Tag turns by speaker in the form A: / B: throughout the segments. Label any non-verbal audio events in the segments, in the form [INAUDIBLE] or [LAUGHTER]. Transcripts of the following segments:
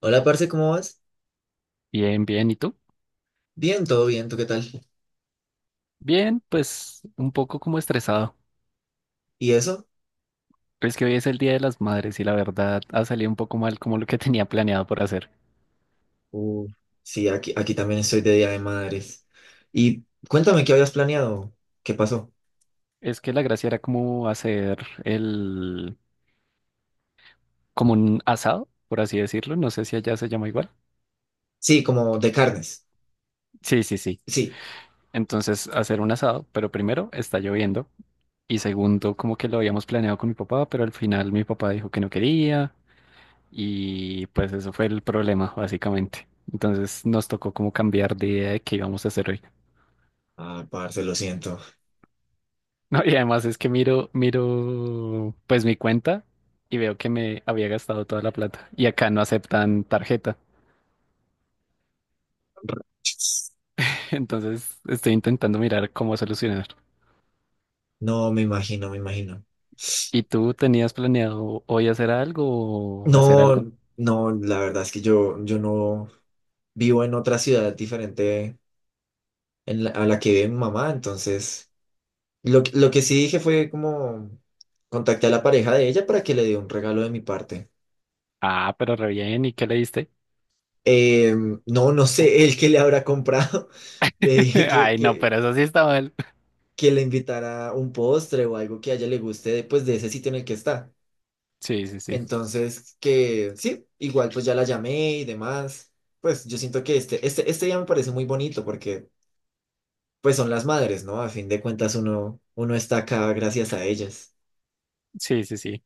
A: Hola, parce, ¿cómo vas?
B: Bien, bien. ¿Y tú?
A: Bien, todo bien, ¿tú qué tal?
B: Bien, pues un poco como estresado.
A: ¿Y eso?
B: Es que hoy es el Día de las Madres y la verdad ha salido un poco mal como lo que [LAUGHS] tenía planeado por hacer.
A: Uh, sí, aquí también estoy de Día de Madres. Y cuéntame qué habías planeado, qué pasó.
B: Es que la gracia era como hacer el, como un asado, por así decirlo. No sé si allá se llama igual.
A: Sí, como de carnes.
B: Sí, sí, sí.
A: Sí.
B: Entonces hacer un asado, pero primero está lloviendo y segundo como que lo habíamos planeado con mi papá, pero al final mi papá dijo que no quería y pues eso fue el problema básicamente. Entonces nos tocó como cambiar de idea de qué íbamos a hacer hoy.
A: Ah, parce, lo siento.
B: No, y además es que miro pues mi cuenta y veo que me había gastado toda la plata y acá no aceptan tarjeta. [LAUGHS] Entonces estoy intentando mirar cómo solucionar.
A: No, me imagino.
B: ¿Y tú tenías planeado hoy hacer algo o hacer algo?
A: No, no, la verdad es que yo no vivo en otra ciudad diferente a la que vive mi mamá, entonces lo que sí dije fue como contacté a la pareja de ella para que le dé un regalo de mi parte.
B: Ah, pero re bien, ¿y qué le diste?
A: Eh, no, no sé, el que le habrá comprado. [LAUGHS] Le
B: [LAUGHS]
A: dije
B: Ay, no, pero eso sí está mal.
A: que le invitara un postre o algo que a ella le guste de, pues, de ese sitio en el que está.
B: Sí, sí, sí.
A: Entonces, que sí, igual pues ya la llamé y demás. Pues yo siento que este día me parece muy bonito porque pues son las madres, ¿no? A fin de cuentas uno está acá gracias a ellas.
B: Sí, sí, sí.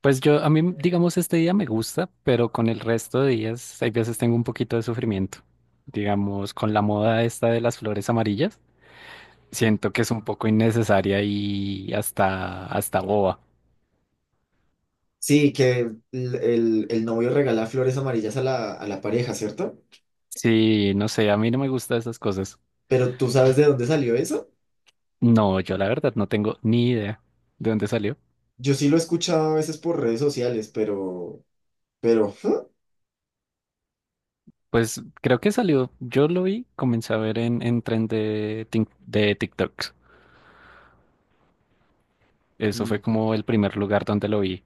B: Pues yo, a mí, digamos, este día me gusta, pero con el resto de días, hay veces tengo un poquito de sufrimiento. Digamos, con la moda esta de las flores amarillas. Siento que es un poco innecesaria y hasta boba.
A: Sí, que el novio regala flores amarillas a a la pareja, ¿cierto?
B: Sí, no sé, a mí no me gustan esas cosas.
A: Pero ¿tú sabes de dónde salió eso?
B: No, yo la verdad no tengo ni idea de dónde salió.
A: Yo sí lo he escuchado a veces por redes sociales, pero ¿huh?
B: Pues creo que salió, yo lo vi, comencé a ver en tren de TikToks. Eso fue
A: Mm.
B: como el primer lugar donde lo vi.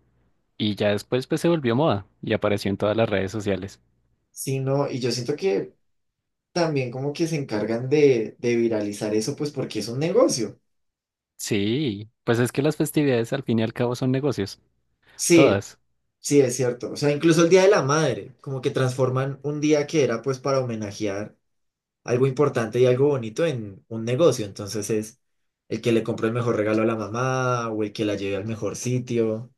B: Y ya después pues se volvió moda y apareció en todas las redes sociales.
A: Sí, no, y yo siento que también como que se encargan de viralizar eso, pues porque es un negocio.
B: Sí, pues es que las festividades al fin y al cabo son negocios,
A: Sí,
B: todas.
A: sí, es cierto. O sea, incluso el Día de la Madre, como que transforman un día que era pues para homenajear algo importante y algo bonito en un negocio. Entonces es el que le compró el mejor regalo a la mamá o el que la lleve al mejor sitio.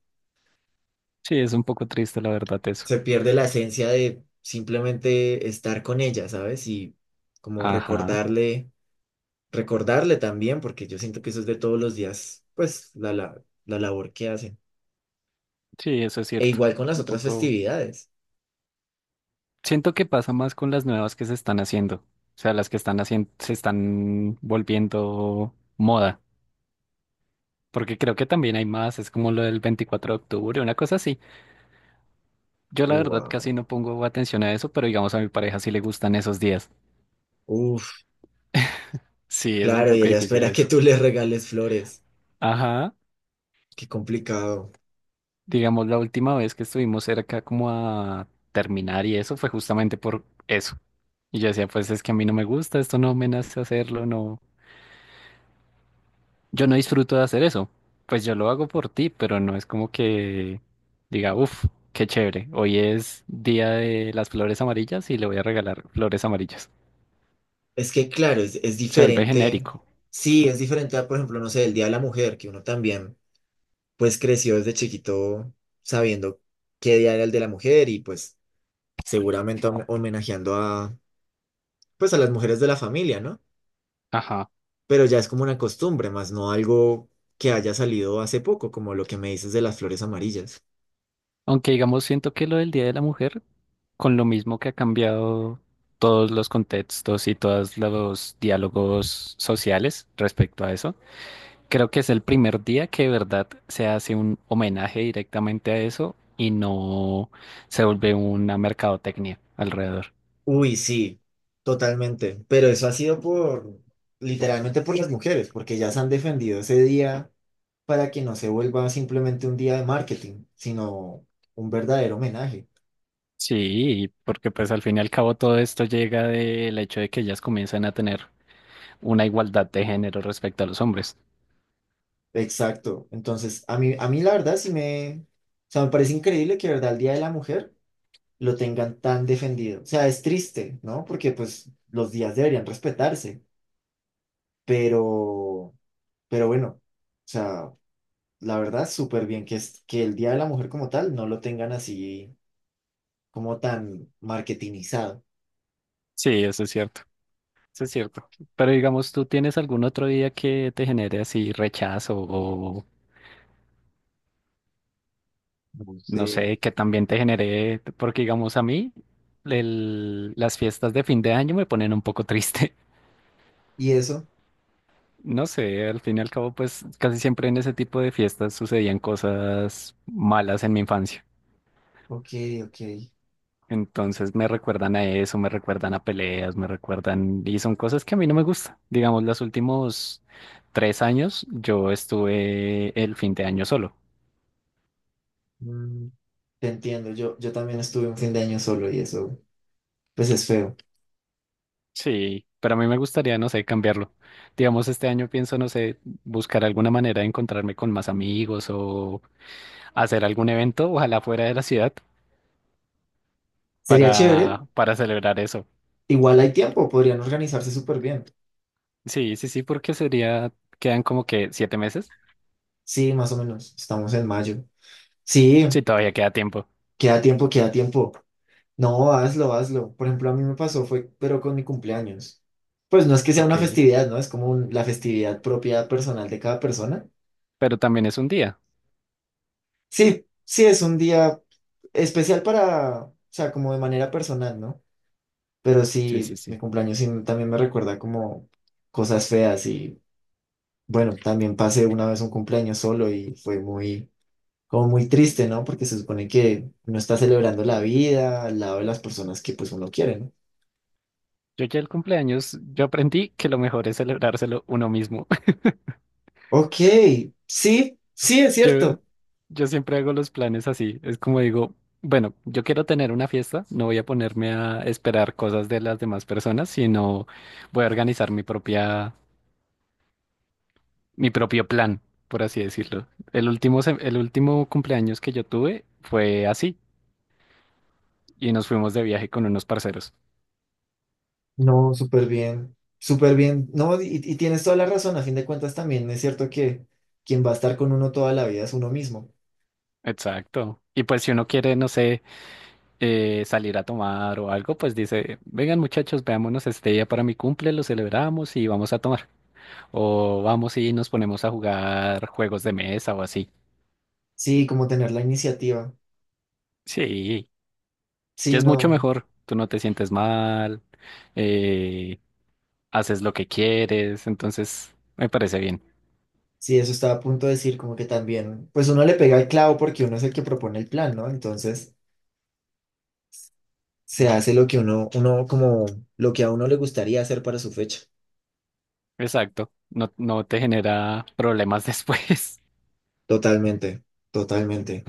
B: Sí, es un poco triste la verdad eso.
A: Se pierde la esencia de simplemente estar con ella, ¿sabes? Y como
B: Ajá.
A: recordarle, recordarle también, porque yo siento que eso es de todos los días, pues la labor que hacen.
B: Sí, eso es
A: E
B: cierto.
A: igual con las
B: Un
A: otras
B: poco.
A: festividades.
B: Siento que pasa más con las nuevas que se están haciendo. O sea, las que están haciendo, se están volviendo moda. Porque creo que también hay más, es como lo del 24 de octubre, una cosa así. Yo la verdad
A: Wow.
B: casi no pongo atención a eso, pero digamos a mi pareja sí le gustan esos días.
A: Uf,
B: Sí, es un
A: claro, y
B: poco
A: ella
B: difícil
A: espera que
B: eso.
A: tú le regales flores.
B: Ajá.
A: Qué complicado.
B: Digamos, la última vez que estuvimos cerca como a terminar y eso fue justamente por eso. Y yo decía, pues es que a mí no me gusta, esto no me nace hacerlo, no. Yo no disfruto de hacer eso. Pues yo lo hago por ti, pero no es como que diga, uff, qué chévere. Hoy es día de las flores amarillas y le voy a regalar flores amarillas.
A: Es que, claro, es
B: Se vuelve
A: diferente.
B: genérico.
A: Sí, es diferente a, por ejemplo, no sé, el Día de la Mujer, que uno también, pues creció desde chiquito sabiendo qué día era el de la mujer y pues seguramente homenajeando a, pues a las mujeres de la familia, ¿no?
B: Ajá.
A: Pero ya es como una costumbre, más no algo que haya salido hace poco, como lo que me dices de las flores amarillas.
B: Aunque digamos, siento que lo del Día de la Mujer, con lo mismo que ha cambiado todos los contextos y todos los diálogos sociales respecto a eso. Creo que es el primer día que de verdad se hace un homenaje directamente a eso y no se vuelve una mercadotecnia alrededor.
A: Uy, sí, totalmente, pero eso ha sido por, literalmente por las mujeres, porque ya se han defendido ese día para que no se vuelva simplemente un día de marketing, sino un verdadero homenaje.
B: Sí, porque pues al fin y al cabo todo esto llega del hecho de que ellas comienzan a tener una igualdad de género respecto a los hombres.
A: Exacto, entonces a mí la verdad sí me, o sea, me parece increíble que, de verdad, el Día de la Mujer lo tengan tan defendido. O sea, es triste, ¿no? Porque pues los días deberían respetarse, pero, pero bueno, o sea, la verdad, súper bien que, es, que el Día de la Mujer como tal no lo tengan así como tan marketingizado.
B: Sí, eso es cierto, eso es cierto. Pero digamos, ¿tú tienes algún otro día que te genere así rechazo o
A: No
B: no
A: sé.
B: sé, que también te genere, porque digamos a mí, el- las fiestas de fin de año me ponen un poco triste?
A: ¿Y eso?
B: No sé, al fin y al cabo, pues casi siempre en ese tipo de fiestas sucedían cosas malas en mi infancia.
A: Ok, ok.
B: Entonces me recuerdan a eso, me recuerdan a peleas, me recuerdan, y son cosas que a mí no me gustan. Digamos, los últimos 3 años yo estuve el fin de año solo.
A: Mm, te entiendo, yo también estuve un fin de año solo y eso, pues es feo.
B: Sí, pero a mí me gustaría, no sé, cambiarlo. Digamos, este año pienso, no sé, buscar alguna manera de encontrarme con más amigos o hacer algún evento, ojalá fuera de la ciudad,
A: Sería chévere,
B: para celebrar eso.
A: igual hay tiempo, podrían organizarse súper bien.
B: Sí, sí, sí, porque sería, quedan como que 7 meses.
A: Sí, más o menos, estamos en mayo. Sí.
B: Sí, todavía queda tiempo.
A: Queda tiempo. No, hazlo. Por ejemplo, a mí me pasó, fue, pero con mi cumpleaños. Pues no es que sea
B: Ok,
A: una festividad, ¿no? Es como la festividad propia personal de cada persona.
B: pero también es un día.
A: Sí, sí, es un día especial para, o sea, como de manera personal, ¿no? Pero
B: Sí, sí,
A: sí, mi
B: sí.
A: cumpleaños sí también me recuerda como cosas feas y, bueno, también pasé una vez un cumpleaños solo y fue muy, como muy triste, ¿no? Porque se supone que uno está celebrando la vida al lado de las personas que pues uno quiere, ¿no?
B: Yo ya el cumpleaños, yo aprendí que lo mejor es celebrárselo uno mismo. [LAUGHS]
A: Ok, sí, sí, es
B: Yo,
A: cierto.
B: yo siempre hago los planes así. Es como digo, bueno, yo quiero tener una fiesta, no voy a ponerme a esperar cosas de las demás personas, sino voy a organizar mi propia, mi propio plan, por así decirlo. El último cumpleaños que yo tuve fue así. Y nos fuimos de viaje con unos parceros.
A: No, súper bien, súper bien. No, y tienes toda la razón, a fin de cuentas también es cierto que quien va a estar con uno toda la vida es uno mismo.
B: Exacto. Y pues si uno quiere, no sé, salir a tomar o algo, pues dice, vengan muchachos, veámonos este día para mi cumple, lo celebramos y vamos a tomar. O vamos y nos ponemos a jugar juegos de mesa o así.
A: Sí, como tener la iniciativa.
B: Sí, que
A: Sí,
B: es mucho
A: no,
B: mejor. Tú no te sientes mal, eh, haces lo que quieres, entonces me parece bien.
A: sí, eso estaba a punto de decir, como que también, pues uno le pega el clavo porque uno es el que propone el plan, ¿no? Entonces se hace lo que uno como lo que a uno le gustaría hacer para su fecha.
B: Exacto. No, no te genera problemas [LAUGHS] después.
A: Totalmente, totalmente.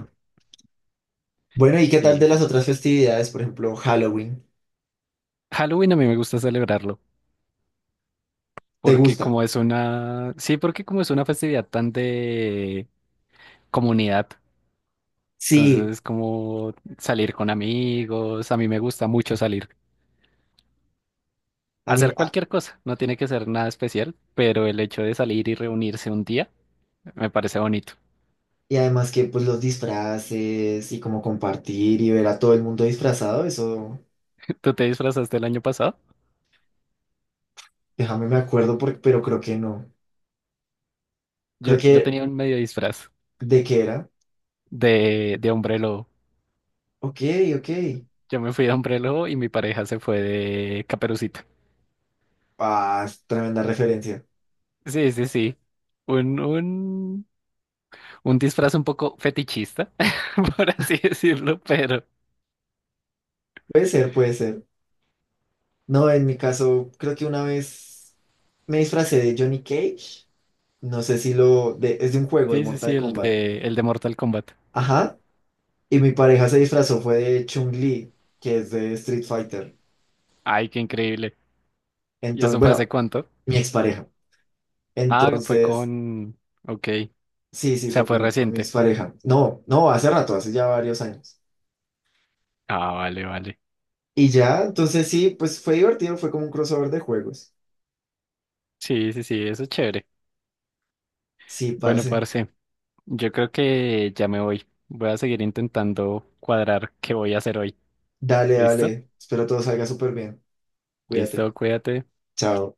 A: Bueno, ¿y qué tal
B: Sí,
A: de las
B: sí.
A: otras festividades? Por ejemplo, Halloween.
B: Halloween a mí me gusta celebrarlo.
A: ¿Te
B: Porque
A: gusta?
B: como es una, sí, porque como es una festividad tan de comunidad, entonces
A: Sí.
B: es como salir con amigos, a mí me gusta mucho salir,
A: A mí,
B: hacer
A: a-
B: cualquier cosa, no tiene que ser nada especial, pero el hecho de salir y reunirse un día me parece bonito.
A: y además que pues los disfraces y como compartir y ver a todo el mundo disfrazado, eso,
B: [LAUGHS] ¿Tú te disfrazaste el año pasado?
A: déjame me acuerdo, pero creo que no.
B: Yo,
A: Creo
B: yo
A: que,
B: tenía un medio disfraz
A: ¿de qué era?
B: de hombre lobo.
A: Ok, ok.
B: Yo me fui de hombre lobo y mi pareja se fue de caperucita.
A: Ah, es tremenda referencia.
B: Sí, sí, sí. Un, un un disfraz un poco fetichista, [LAUGHS] por así decirlo, pero
A: Puede ser, puede ser. No, en mi caso, creo que una vez me disfracé de Johnny Cage. No sé si lo... es de un juego de
B: sí, sí, sí,
A: Mortal
B: el
A: Kombat.
B: de, el de Mortal Kombat.
A: Ajá. Y mi pareja se disfrazó fue de Chun-Li, que es de Street Fighter.
B: Ay, qué increíble. ¿Y
A: Entonces,
B: eso fue hace
A: bueno,
B: cuánto?
A: mi expareja.
B: Ah, fue
A: Entonces...
B: con... Ok, o
A: Sí, sí, fue
B: sea, fue
A: con mi
B: reciente.
A: expareja. No, no, hace rato, hace ya varios años.
B: Ah, vale, vale.
A: Y ya, entonces sí, pues fue divertido, fue como un crossover de juegos.
B: Sí, sí, sí, eso es chévere.
A: Sí,
B: Bueno,
A: parce.
B: parce, yo creo que ya me voy. Voy a seguir intentando cuadrar qué voy a hacer hoy.
A: Dale,
B: ¿Listo?
A: dale. Espero todo salga súper bien. Cuídate.
B: Listo, cuídate.
A: Chao.